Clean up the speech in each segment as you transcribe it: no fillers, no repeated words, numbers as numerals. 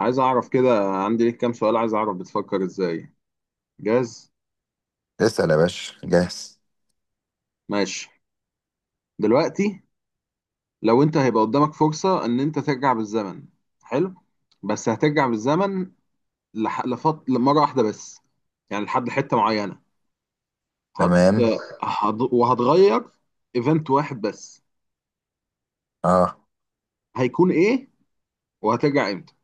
عايز اعرف كده، عندي ليك كام سؤال. عايز اعرف بتفكر ازاي. جاهز؟ اسأل يا باشا، جاهز. ماشي. دلوقتي لو انت هيبقى قدامك فرصة ان انت ترجع بالزمن. حلو. بس هترجع بالزمن لمرة واحدة بس، يعني لحد حتة معينة. هت... تمام. وهتغير ايفنت واحد بس. اه، هيكون ايه وهترجع امتى؟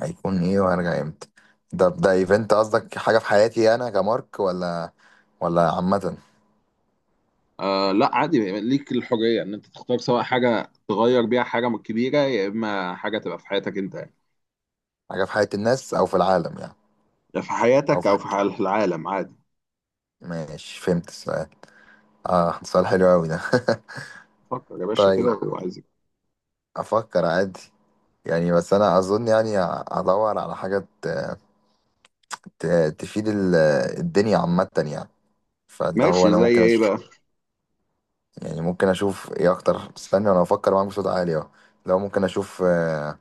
هيكون ايه وهرجع امتى؟ ده ايفنت، قصدك حاجة في حياتي انا كمارك ولا عامة؟ آه لا، عادي، ليك الحرية ان انت تختار، سواء حاجة تغير بيها حاجة كبيرة، يا اما حاجة تبقى في حياتك انت يعني. حاجة في حياة الناس او في العالم يعني، يا في او حياتك في او في حاجة. حال العالم، عادي. ماشي، فهمت السؤال. اه، سؤال حلو قوي ده. فكر يا باشا طيب، كده وعايزك. افكر عادي. يعني بس انا اظن يعني ادور على حاجة تفيد الدنيا عامة يعني، فاللي هو ماشي، انا زي ممكن ايه بقى؟ يعني ممكن اشوف ايه اكتر. استنى، انا افكر معاك بصوت عالي اهو. لو ممكن اشوف،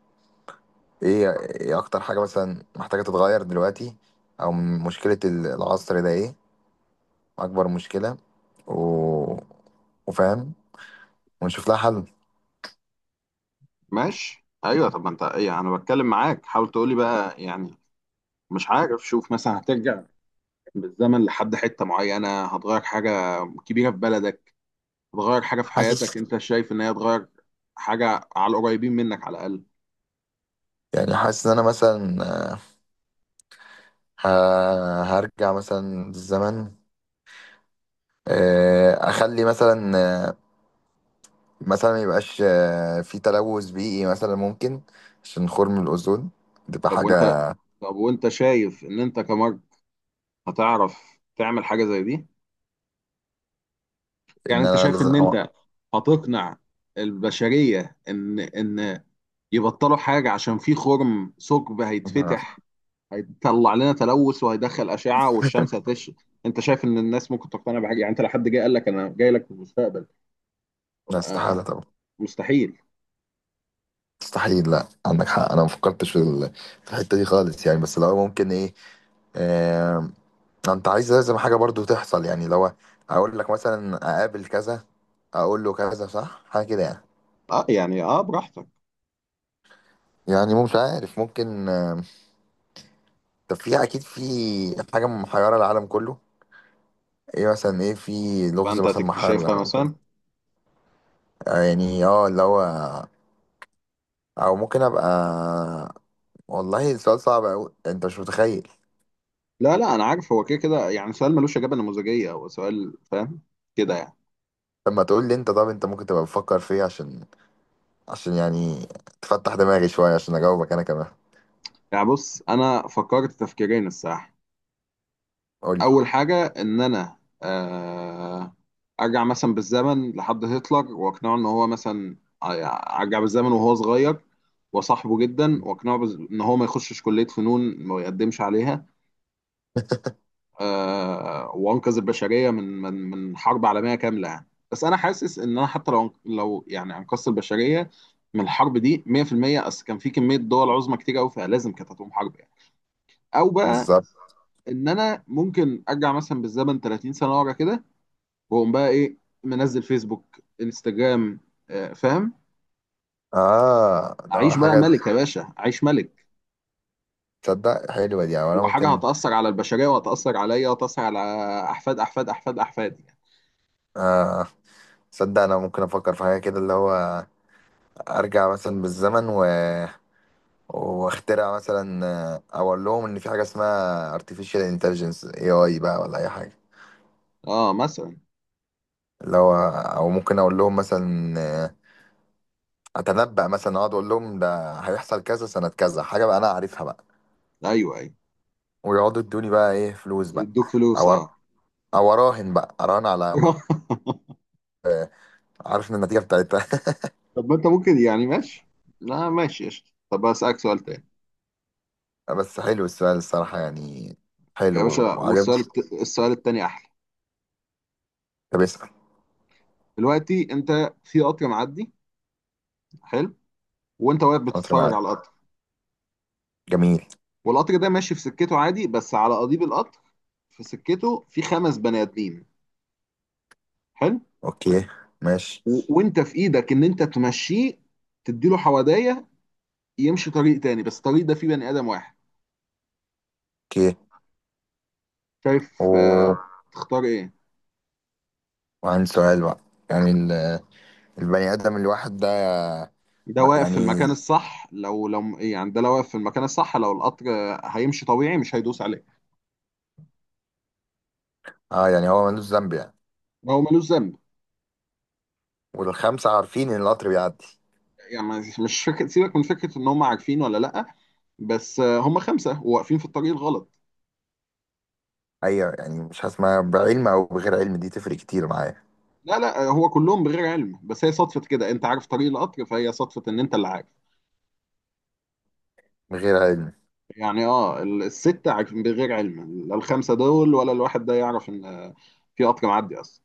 ايه اكتر حاجة مثلا محتاجة تتغير دلوقتي، او من مشكلة العصر ده ايه، اكبر مشكلة، و... وفاهم، ونشوف لها حل. ماشي ايوه. طب ما انت ايه، انا بتكلم معاك، حاول تقولي بقى يعني. مش عارف، شوف مثلا، هترجع بالزمن لحد حته معينه، هتغير حاجه كبيره في بلدك، هتغير حاجه في حاسس حياتك. انت شايف ان هي هتغير حاجه على القريبين منك على الاقل؟ حاسس ان انا مثلا ه... هرجع مثلا للزمن، اخلي مثلا، آه، ميبقاش في تلوث بيئي مثلا، ممكن عشان خرم الاوزون تبقى طب وانت حاجة. طب وانت شايف ان انت كمرج هتعرف تعمل حاجه زي دي؟ يعني ان انت انا شايف لازم ان انت هتقنع البشريه ان يبطلوا حاجة عشان في خرم، ثقب هيتفتح، هيطلع لنا تلوث وهيدخل أشعة والشمس هتشرق؟ أنت شايف إن الناس ممكن تقتنع بحاجة؟ يعني أنت لو حد جه قال لك: أنا جاي لك في المستقبل. لا، آه، استحالة طبعا. مستحيل. مستحيل. لا، عندك حق، انا ما فكرتش في الحته دي خالص يعني. بس لو ممكن ايه، آه انت عايز لازم حاجه برضو تحصل يعني، لو اقول لك مثلا اقابل كذا، اقول له كذا صح، حاجه كده يعني. أه يعني، أه، براحتك. يعني مش عارف، ممكن. طب في اكيد في حاجه محيره العالم كله. ايه مثلا، ايه في لغز فأنت مثلا محير هتكتشفها العالم كله؟ مثلا. آه يعني اه، اللي هو، او ممكن ابقى والله السؤال صعب قوي، انت مش متخيل. لا لا، أنا عارف هو كده كده، يعني سؤال ملوش إجابة نموذجية، هو سؤال فاهم كده يعني. لما تقول لي انت، طب انت ممكن تبقى بتفكر في ايه، عشان يعني تفتح دماغي شوية، عشان أجاوبك أنا كمان. يعني بص، أنا فكرت تفكيرين الصراحة. قول لي. اول حاجه ان انا آه، ارجع مثلا بالزمن لحد هتلر واقنعه ان هو مثلا، ارجع بالزمن وهو صغير وصاحبه جدا واقنعه ان هو ما يخشش كليه فنون، ما يقدمش عليها. وانقذ البشريه من حرب عالميه كامله يعني. بس انا حاسس ان انا حتى لو يعني انقذت البشريه من الحرب دي 100%، اصل كان في كميه دول عظمى كتير قوي، فلازم كانت هتقوم حرب يعني. او بقى بالظبط. ان انا ممكن ارجع مثلا بالزمن 30 سنه ورا كده، واقوم بقى ايه، منزل فيسبوك، انستجرام. فاهم. آه، ده هو اعيش بقى حاجة. ملك يا باشا، اعيش ملك. تصدق حلوة دي. أو أنا وحاجه ممكن. هتاثر على البشريه وهتاثر عليا وهتاثر على احفاد احفاد احفاد احفادي يعني. آه تصدق أنا ممكن أفكر في حاجة كده، اللي هو أرجع مثلا بالزمن و... واخترع مثلا، أو أقول لهم إن في حاجة اسمها artificial intelligence AI بقى ولا أي حاجة. اه مثلا. اللي هو، أو ممكن أقول لهم مثلا، أتنبأ مثلا، أقعد أقول لهم ده هيحصل كذا سنة كذا، حاجة بقى أنا عارفها بقى. ايوه ايوه، ويقعدوا يدوني بقى إيه، فلوس بقى. يدوك فلوس أو اه. او اراهن على عارف إن النتيجه بتاعتها. طب ما انت ممكن يعني ماشي. لا ماشي قشطة، طب اسالك سؤال تاني؟ بس حلو السؤال الصراحه يعني، يا حلو باشا، وعجبني. السؤال التاني احلى. طب اسال. دلوقتي انت في قطر معدي. حلو. وانت واقف قطر بتتفرج معاك. على القطر. جميل. والقطر ده ماشي في سكته عادي، بس على قضيب القطر في سكته في خمس بني ادمين. حلو. اوكي، ماشي. وانت في ايدك ان انت تمشيه، تديله حوادية، يمشي طريق تاني، بس الطريق ده فيه بني ادم واحد. اوكي، شايف؟ آه. و... تختار ايه؟ وعندي سؤال بقى. يعني البني ادم الواحد ده، ده واقف في المكان يعني الصح. لو يعني ده لو واقف في المكان الصح، لو القطر هيمشي طبيعي مش هيدوس عليه. اه، يعني هو ملوش ذنب يعني. هو ملوش ذنب والخمسه عارفين ان القطر بيعدي؟ يعني. مش فكرة، سيبك من فكرة ان هم عارفين ولا لا، بس هم خمسة وواقفين في الطريق الغلط. ايوه. يعني مش هسمع، بعلم او بغير علم دي تفرق كتير معايا. لا لا، هو كلهم بغير علم، بس هي صدفة كده انت عارف طريق القطر، فهي صدفة ان انت اللي عارف. بغير علم. يعني اه، الستة بغير علم، لا الخمسة دول ولا الواحد ده يعرف ان في قطر معدي اصلا.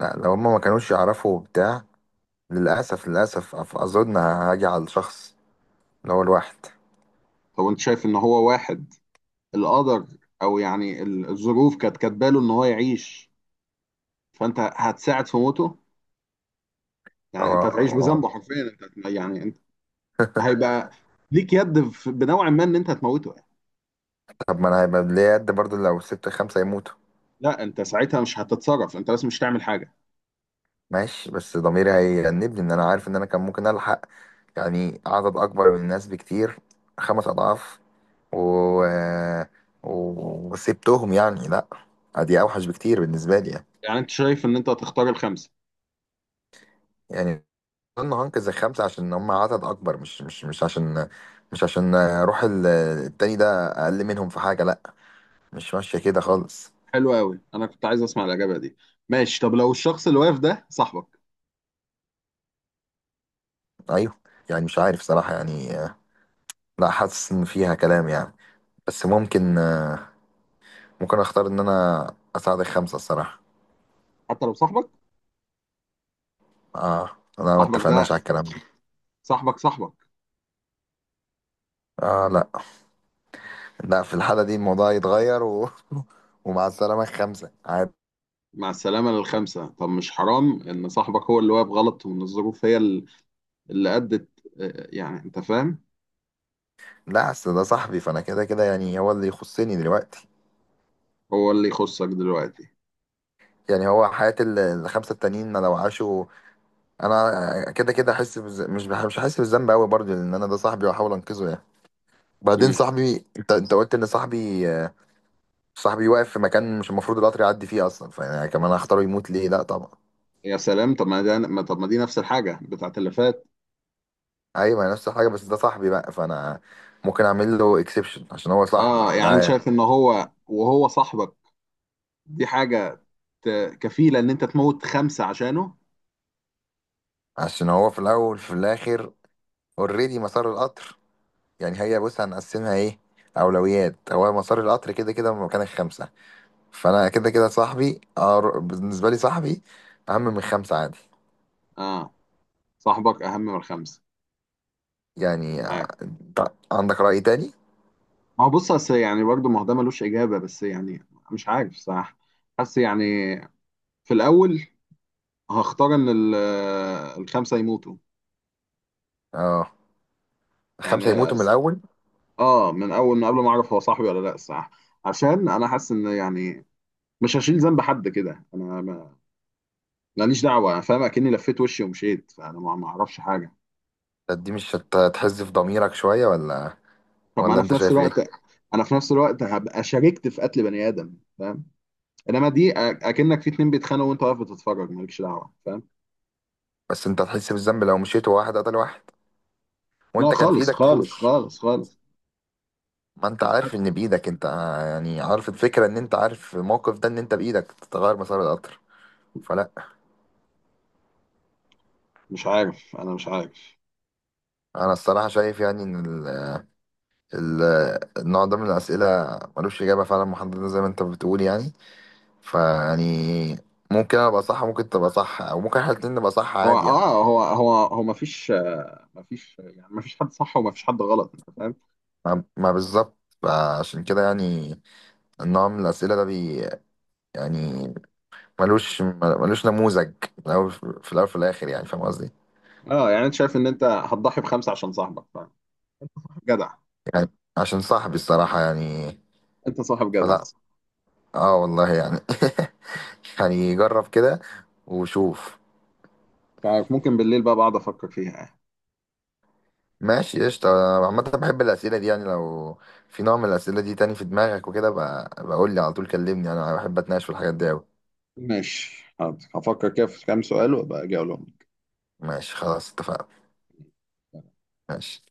لا، لو هما ما كانوش يعرفوا بتاع. للاسف، للاسف، اظن هاجي على الشخص اللي هو الواحد. طب انت شايف ان هو واحد القدر، او يعني الظروف كانت كاتباله ان هو يعيش، فانت هتساعد في موته يعني؟ هو انت هتعيش هو- بذنبه حرفيا، انت يعني انت هيبقى ليك يد بنوع ما ان انت هتموته يعني. طب ما انا هيبقى ليا قد برضه لو سبت خمسة يموتوا. لا انت ساعتها مش هتتصرف، انت بس مش هتعمل حاجة. ماشي، بس ضميري هيأنبني ان انا عارف ان انا كان ممكن الحق يعني عدد اكبر من الناس بكتير، خمس اضعاف، و... و- وسبتهم يعني. لا، دي اوحش بكتير بالنسبة لي يعني. يعني انت شايف ان انت هتختار الخمسة. يعني اظن هنقذ الخمسة عشان هم عدد اكبر، مش عشان روح التاني ده اقل منهم في حاجة. لا، مش ماشية كده خالص. حلو قوي، انا كنت عايز اسمع الاجابة دي. ماشي، طب لو الشخص اللي واقف ده صاحبك؟ ايوه، يعني مش عارف صراحة يعني. لا، حاسس ان فيها كلام يعني. بس ممكن، ممكن اختار ان انا اساعدك خمسة الصراحة. حتى لو صاحبك؟ اه، لا، ما صاحبك ده، اتفقناش على الكلام ده. صاحبك صاحبك. اه، لا، لا، في الحالة دي الموضوع يتغير ومع السلامة خمسة عادي. مع السلامة للخمسة. طب مش حرام إن صاحبك هو اللي واقف غلط، وإن الظروف هي اللي أدت، يعني أنت فاهم. لا، اصل ده صاحبي، فانا كده كده يعني هو اللي يخصني دلوقتي. هو اللي يخصك دلوقتي؟ يعني هو حياة الخمسة التانيين لو عاشوا، انا كده كده احس بز... مش بح... مش هحس بالذنب قوي برضه، لان انا ده صاحبي واحاول انقذه يعني. بعدين مم. صاحبي انت قلت ان صاحبي، صاحبي واقف في مكان مش المفروض القطر يعدي فيه اصلا، فانا كمان هختاره يموت ليه؟ لا، طبعا. يا سلام. طب ما دي نفس الحاجة بتاعت اللي فات. ايوه، ما هي نفس الحاجه، بس ده صاحبي بقى، فانا ممكن اعمل له اكسبشن عشان هو صاحبي آه يعني أنت وده. شايف إن هو، وهو صاحبك، دي حاجة كفيلة إن أنت تموت خمسة عشانه. عشان هو في الاول في الاخر، اوريدي مسار القطر. يعني هي، بص، هنقسمها ايه؟ اولويات. هو مسار القطر كده كده من مكان الخمسه، فانا كده كده صاحبي، بالنسبه لي صاحبي اهم من خمسه عادي. آه، صاحبك أهم من الخمسة. يعني، عارف، أنت عندك راي تاني؟ ما هو بص، أصل يعني برضه، ما هو ده ملوش إجابة بس يعني. مش عارف صح، حاسس يعني. في الأول هختار ان الخمسه يموتوا. اه، يعني خمسه يموتوا من الاول. اه، من اول ما قبل ما اعرف هو صاحبي ولا لا الصراحه. عشان انا حاسس ان يعني مش هشيل ذنب حد كده. انا ماليش دعوه، انا فاهم اكني لفيت وشي ومشيت، فانا ما اعرفش حاجه. طب دي مش هتحز في ضميرك شويه ولا طب ما ولا انا انت في نفس شايف الوقت، ايه؟ انا في نفس الوقت هبقى شاركت في قتل بني ادم، فاهم. انما دي اكنك في اتنين بيتخانقوا وانت واقف بتتفرج مالكش دعوه، فاهم. بس انت هتحس بالذنب لو مشيت وواحد قتل واحد لا وانت كان في خالص ايدك خالص تحوش. خالص خالص. ما انت مش عارف ان حاسس- بايدك انت، يعني عارف الفكره، ان انت عارف الموقف ده، ان انت بايدك تغير مسار القطر، فلا. مش عارف، انا مش عارف. انا الصراحه شايف يعني ان ال- النوع ده من الاسئله ملوش اجابه فعلا محدده زي ما انت بتقول يعني. فيعني ممكن انا ابقى صح، ممكن تبقى صح، او ممكن احنا الاتنين نبقى صح هو عادي يعني. اه هو هو هو مفيش، مفيش يعني، مفيش حد صح ومفيش حد غلط، انت فاهم. ما بالظبط. فعشان كده يعني، النوع من الاسئله ده يعني ملوش نموذج، في الأول في الأول في الآخر، يعني فاهم قصدي. اه يعني انت شايف ان انت هتضحي بخمسه عشان صاحبك، فاهم. جدع. عشان صاحبي الصراحة يعني. انت صاحب جدع. فلا، اه والله يعني. يعني جرب كده وشوف. فممكن بالليل بقى بقعد افكر فيها يعني. ماشي، قشطة. أنا عامة بحب الأسئلة دي يعني. لو في نوع من الأسئلة دي تاني في دماغك وكده بقى، بقول لي على طول، كلمني، أنا بحب أتناقش في الحاجات دي أوي. ماشي حاضر، هفكر كده في كام سؤال وابقى اجي اقولهم. ماشي، خلاص، اتفقنا. ماشي.